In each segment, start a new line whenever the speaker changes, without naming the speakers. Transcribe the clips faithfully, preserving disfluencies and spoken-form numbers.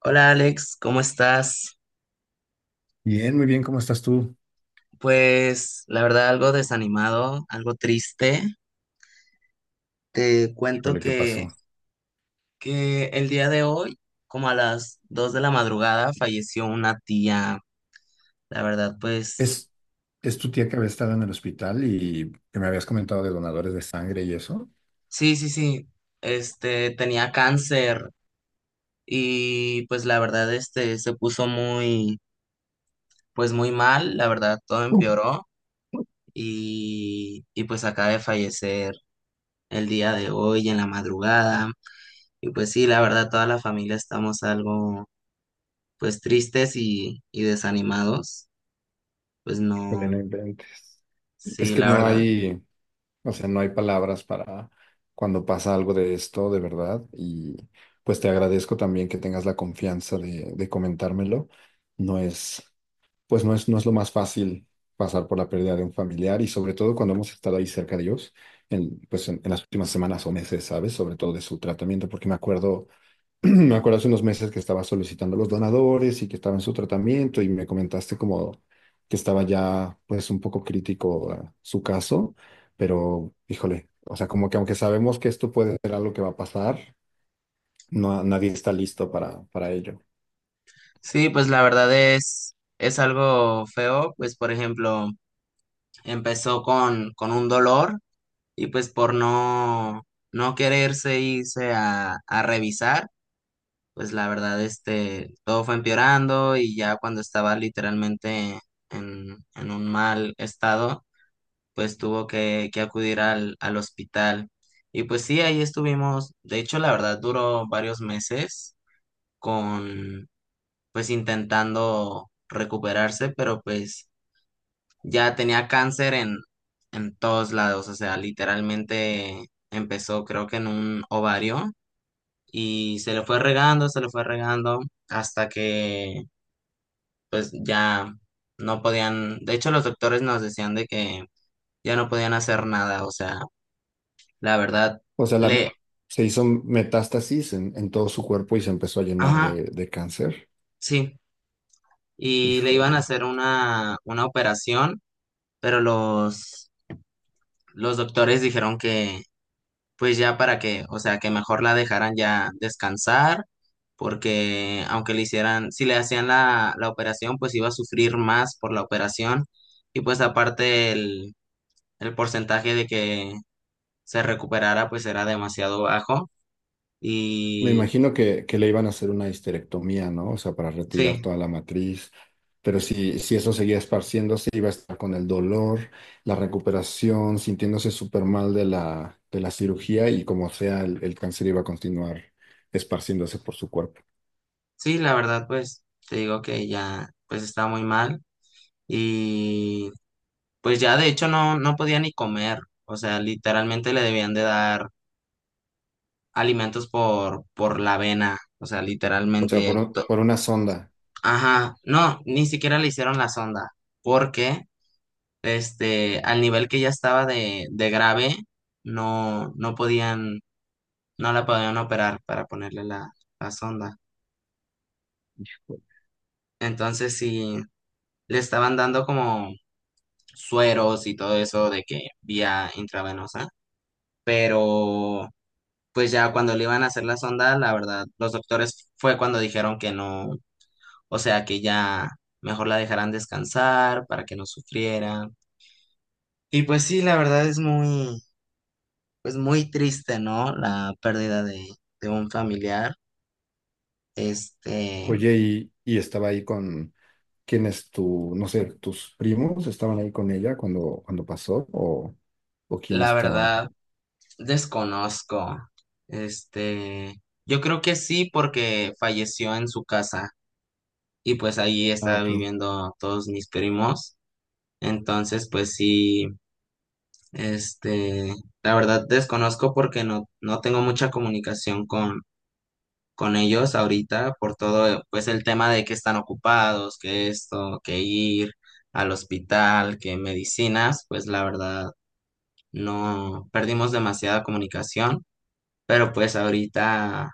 Hola Alex, ¿cómo estás?
Bien, muy bien, ¿cómo estás tú?
Pues la verdad algo desanimado, algo triste. Te cuento
Híjole, ¿qué
que,
pasó?
que el día de hoy, como a las dos de la madrugada, falleció una tía. La verdad, pues
¿Es, es tu tía que había estado en el hospital y que me habías comentado de donadores de sangre y eso?
sí, sí, sí. Este tenía cáncer y pues la verdad este se puso muy pues muy mal, la verdad todo empeoró y y pues acaba de fallecer el día de hoy en la madrugada. Y pues sí, la verdad, toda la familia estamos algo, pues tristes y, y desanimados. Pues
Híjole,
no,
no inventes. Es
sí,
que
la
no
verdad.
hay, o sea, No hay palabras para cuando pasa algo de esto, de verdad. Y pues te agradezco también que tengas la confianza de, de comentármelo. No es. Pues no es, No es lo más fácil pasar por la pérdida de un familiar y sobre todo cuando hemos estado ahí cerca de ellos, en, pues en, en las últimas semanas o meses, ¿sabes? Sobre todo de su tratamiento, porque me acuerdo, me acuerdo hace unos meses que estaba solicitando los donadores y que estaba en su tratamiento y me comentaste como que estaba ya pues un poco crítico eh, su caso, pero híjole, o sea, como que aunque sabemos que esto puede ser algo que va a pasar, no, nadie está listo para, para ello.
Sí, pues la verdad es, es algo feo. Pues por ejemplo, empezó con, con un dolor y pues por no, no quererse irse a, a revisar, pues la verdad, este, todo fue empeorando y ya cuando estaba literalmente en, en un mal estado pues tuvo que, que acudir al, al hospital. Y pues sí, ahí estuvimos, de hecho, la verdad, duró varios meses con, pues intentando recuperarse, pero pues ya tenía cáncer en, en todos lados, o sea, literalmente empezó creo que en un ovario y se le fue regando, se le fue regando hasta que pues ya no podían, de hecho los doctores nos decían de que ya no podían hacer nada, o sea, la verdad,
O sea, la-
le,
Se hizo metástasis en, en todo su cuerpo y se empezó a llenar
ajá,
de, de cáncer.
sí, y le iban a
Híjole.
hacer una, una operación, pero los, los doctores dijeron que, pues ya para que, o sea, que mejor la dejaran ya descansar, porque aunque le hicieran, si le hacían la, la operación, pues iba a sufrir más por la operación, y pues aparte el, el porcentaje de que se recuperara, pues era demasiado bajo,
Me
y
imagino que, que le iban a hacer una histerectomía, ¿no? O sea, para retirar
sí.
toda la matriz. Pero si, si eso seguía esparciéndose, iba a estar con el dolor, la recuperación, sintiéndose súper mal de la, de la cirugía y como sea, el, el cáncer iba a continuar esparciéndose por su cuerpo.
Sí, la verdad, pues te digo que ya, pues está muy mal y pues ya de hecho no, no podía ni comer, o sea, literalmente le debían de dar alimentos por, por la vena, o sea,
O sea,
literalmente,
por, un-
to-
por una sonda.
ajá, no, ni siquiera le hicieron la sonda, porque este, al nivel que ya estaba de, de grave, no, no podían, no la podían operar para ponerle la, la sonda, entonces sí, le estaban dando como sueros y todo eso de que vía intravenosa, pero pues ya cuando le iban a hacer la sonda, la verdad, los doctores fue cuando dijeron que no, o sea, que ya mejor la dejaran descansar para que no sufriera. Y pues sí, la verdad es muy, pues muy triste, ¿no? La pérdida de, de un familiar. Este,
Oye, y, y estaba ahí con quienes tu, no sé, tus primos estaban ahí con ella cuando, cuando pasó, o, o quién
la
estaba.
verdad, desconozco. Este, yo creo que sí porque falleció en su casa. Y pues ahí
Ah,
estaba
ok.
viviendo todos mis primos. Entonces, pues sí, este, la verdad desconozco porque no, no tengo mucha comunicación con, con ellos ahorita por todo, pues el tema de que están ocupados, que esto, que ir al hospital, que medicinas, pues la verdad no perdimos demasiada comunicación, pero pues ahorita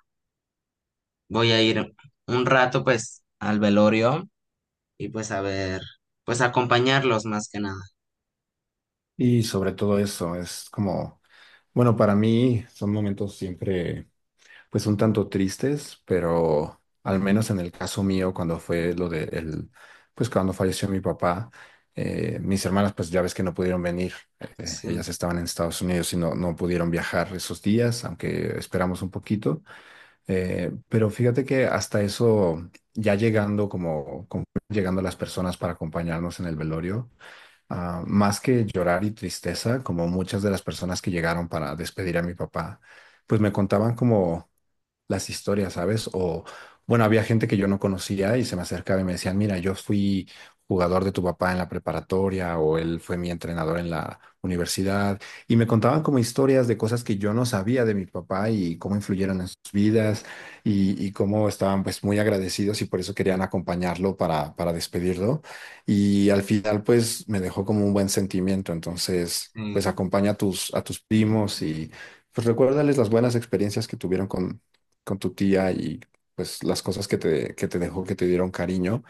voy a ir un rato pues al velorio y pues a ver, pues acompañarlos más que nada.
Y sobre todo eso, es como, bueno, para mí son momentos siempre, pues un tanto tristes, pero al menos en el caso mío, cuando fue lo de el, pues cuando falleció mi papá, eh, mis hermanas, pues ya ves que no pudieron venir.
Sí,
Ellas estaban en Estados Unidos y no, no pudieron viajar esos días, aunque esperamos un poquito. Eh, pero fíjate que hasta eso, ya llegando como, como llegando las personas para acompañarnos en el velorio, ah, más que llorar y tristeza, como muchas de las personas que llegaron para despedir a mi papá, pues me contaban como las historias, ¿sabes? O, bueno, había gente que yo no conocía y se me acercaba y me decían, mira, yo fui jugador de tu papá en la preparatoria o él fue mi entrenador en la universidad y me contaban como historias de cosas que yo no sabía de mi papá y cómo influyeron en sus vidas y, y cómo estaban pues muy agradecidos y por eso querían acompañarlo para, para despedirlo y al final pues me dejó como un buen sentimiento, entonces
sí.
pues acompaña a tus, a tus primos y... Pues recuérdales las buenas experiencias que tuvieron con, con tu tía y pues las cosas que te, que te dejó, que te dieron cariño,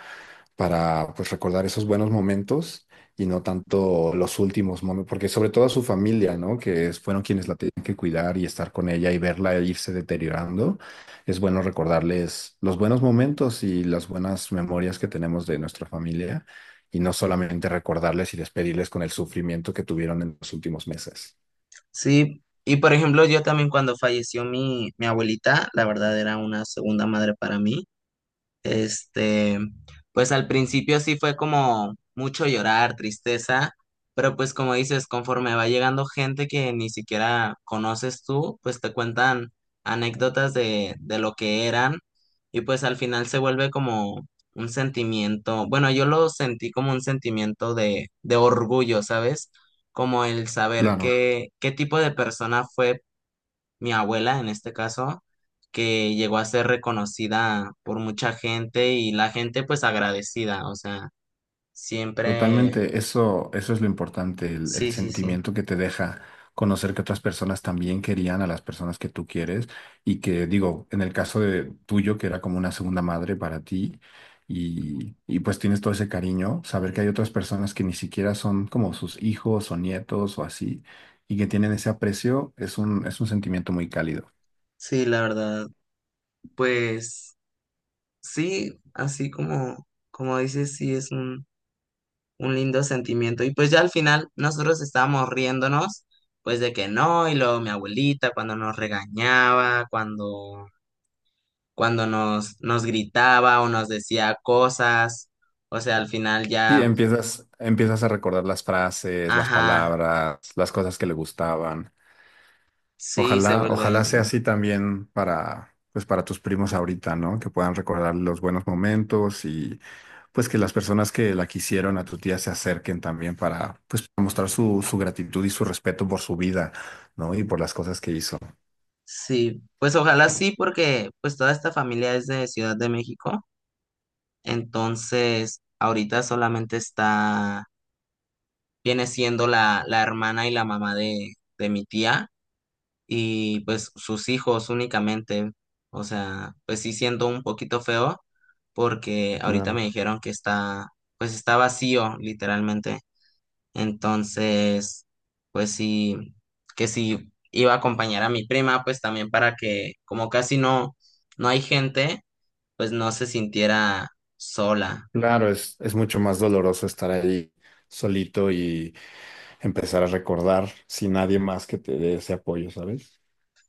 para pues recordar esos buenos momentos y no tanto los últimos momentos, porque sobre todo a su familia, ¿no? Que es- fueron quienes la tenían que cuidar y estar con ella y verla irse deteriorando. Es bueno recordarles los buenos momentos y las buenas memorias que tenemos de nuestra familia y no solamente recordarles y despedirles con el sufrimiento que tuvieron en los últimos meses.
Sí, y por ejemplo, yo también cuando falleció mi, mi abuelita, la verdad era una segunda madre para mí. Este, pues al principio sí fue como mucho llorar, tristeza, pero pues como dices, conforme va llegando gente que ni siquiera conoces tú, pues te cuentan anécdotas de, de lo que eran y pues al final se vuelve como un sentimiento, bueno, yo lo sentí como un sentimiento de, de orgullo, ¿sabes? Como el saber
Claro.
qué, qué tipo de persona fue mi abuela en este caso, que llegó a ser reconocida por mucha gente y la gente pues agradecida, o sea, siempre,
Totalmente, eso, eso es lo importante, el, el
sí, sí, sí,
sentimiento que te deja conocer que otras personas también querían a las personas que tú quieres y que digo, en el caso de tuyo, que era como una segunda madre para ti y, y pues tienes todo ese cariño, saber que hay otras personas que ni siquiera son como sus hijos o nietos o así y que tienen ese aprecio, es un, es un sentimiento muy cálido.
sí, la verdad, pues sí, así como, como dices, sí, es un, un lindo sentimiento. Y pues ya al final nosotros estábamos riéndonos, pues de que no, y luego mi abuelita cuando nos regañaba, cuando, cuando nos, nos gritaba o nos decía cosas. O sea, al final
Sí,
ya.
empiezas, empiezas a recordar las frases, las
Ajá,
palabras, las cosas que le gustaban.
sí, se
Ojalá,
vuelve.
ojalá sea así también para, pues para tus primos ahorita, ¿no? Que puedan recordar los buenos momentos y pues que las personas que la quisieron a tu tía se acerquen también para, pues, para mostrar su, su gratitud y su respeto por su vida, ¿no? Y por las cosas que hizo.
Sí, pues ojalá sí, porque pues toda esta familia es de Ciudad de México, entonces ahorita solamente está, viene siendo la, la hermana y la mamá de, de mi tía y pues sus hijos únicamente. O sea, pues sí siento un poquito feo porque ahorita
Claro.
me dijeron que está, pues está vacío, literalmente. Entonces, pues sí, que sí iba a acompañar a mi prima, pues también para que, como casi no, no hay gente, pues no se sintiera sola.
Claro, es, es mucho más doloroso estar ahí solito y empezar a recordar sin nadie más que te dé ese apoyo, ¿sabes?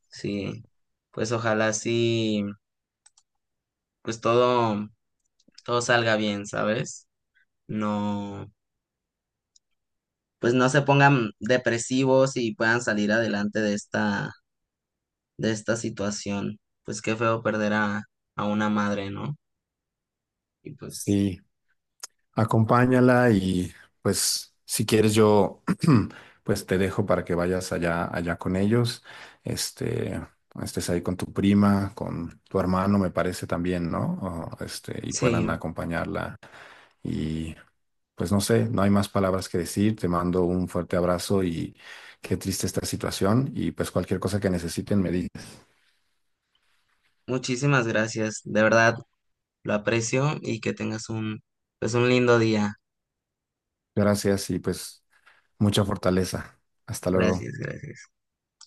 Sí, pues ojalá sí, pues todo, todo salga bien, ¿sabes? No, pues no se pongan depresivos y puedan salir adelante de esta, de esta situación. Pues qué feo perder a, a una madre, ¿no? Y pues.
Sí, acompáñala y pues si quieres yo pues te dejo para que vayas allá allá con ellos. Este, estés ahí con tu prima, con tu hermano me parece también, ¿no? O, este, y
Sí,
puedan acompañarla y pues no sé, no hay más palabras que decir. Te mando un fuerte abrazo y qué triste esta situación y pues cualquier cosa que necesiten me dices.
muchísimas gracias. De verdad, lo aprecio y que tengas un, pues, un lindo día.
Gracias y pues mucha fortaleza. Hasta luego.
Gracias, gracias.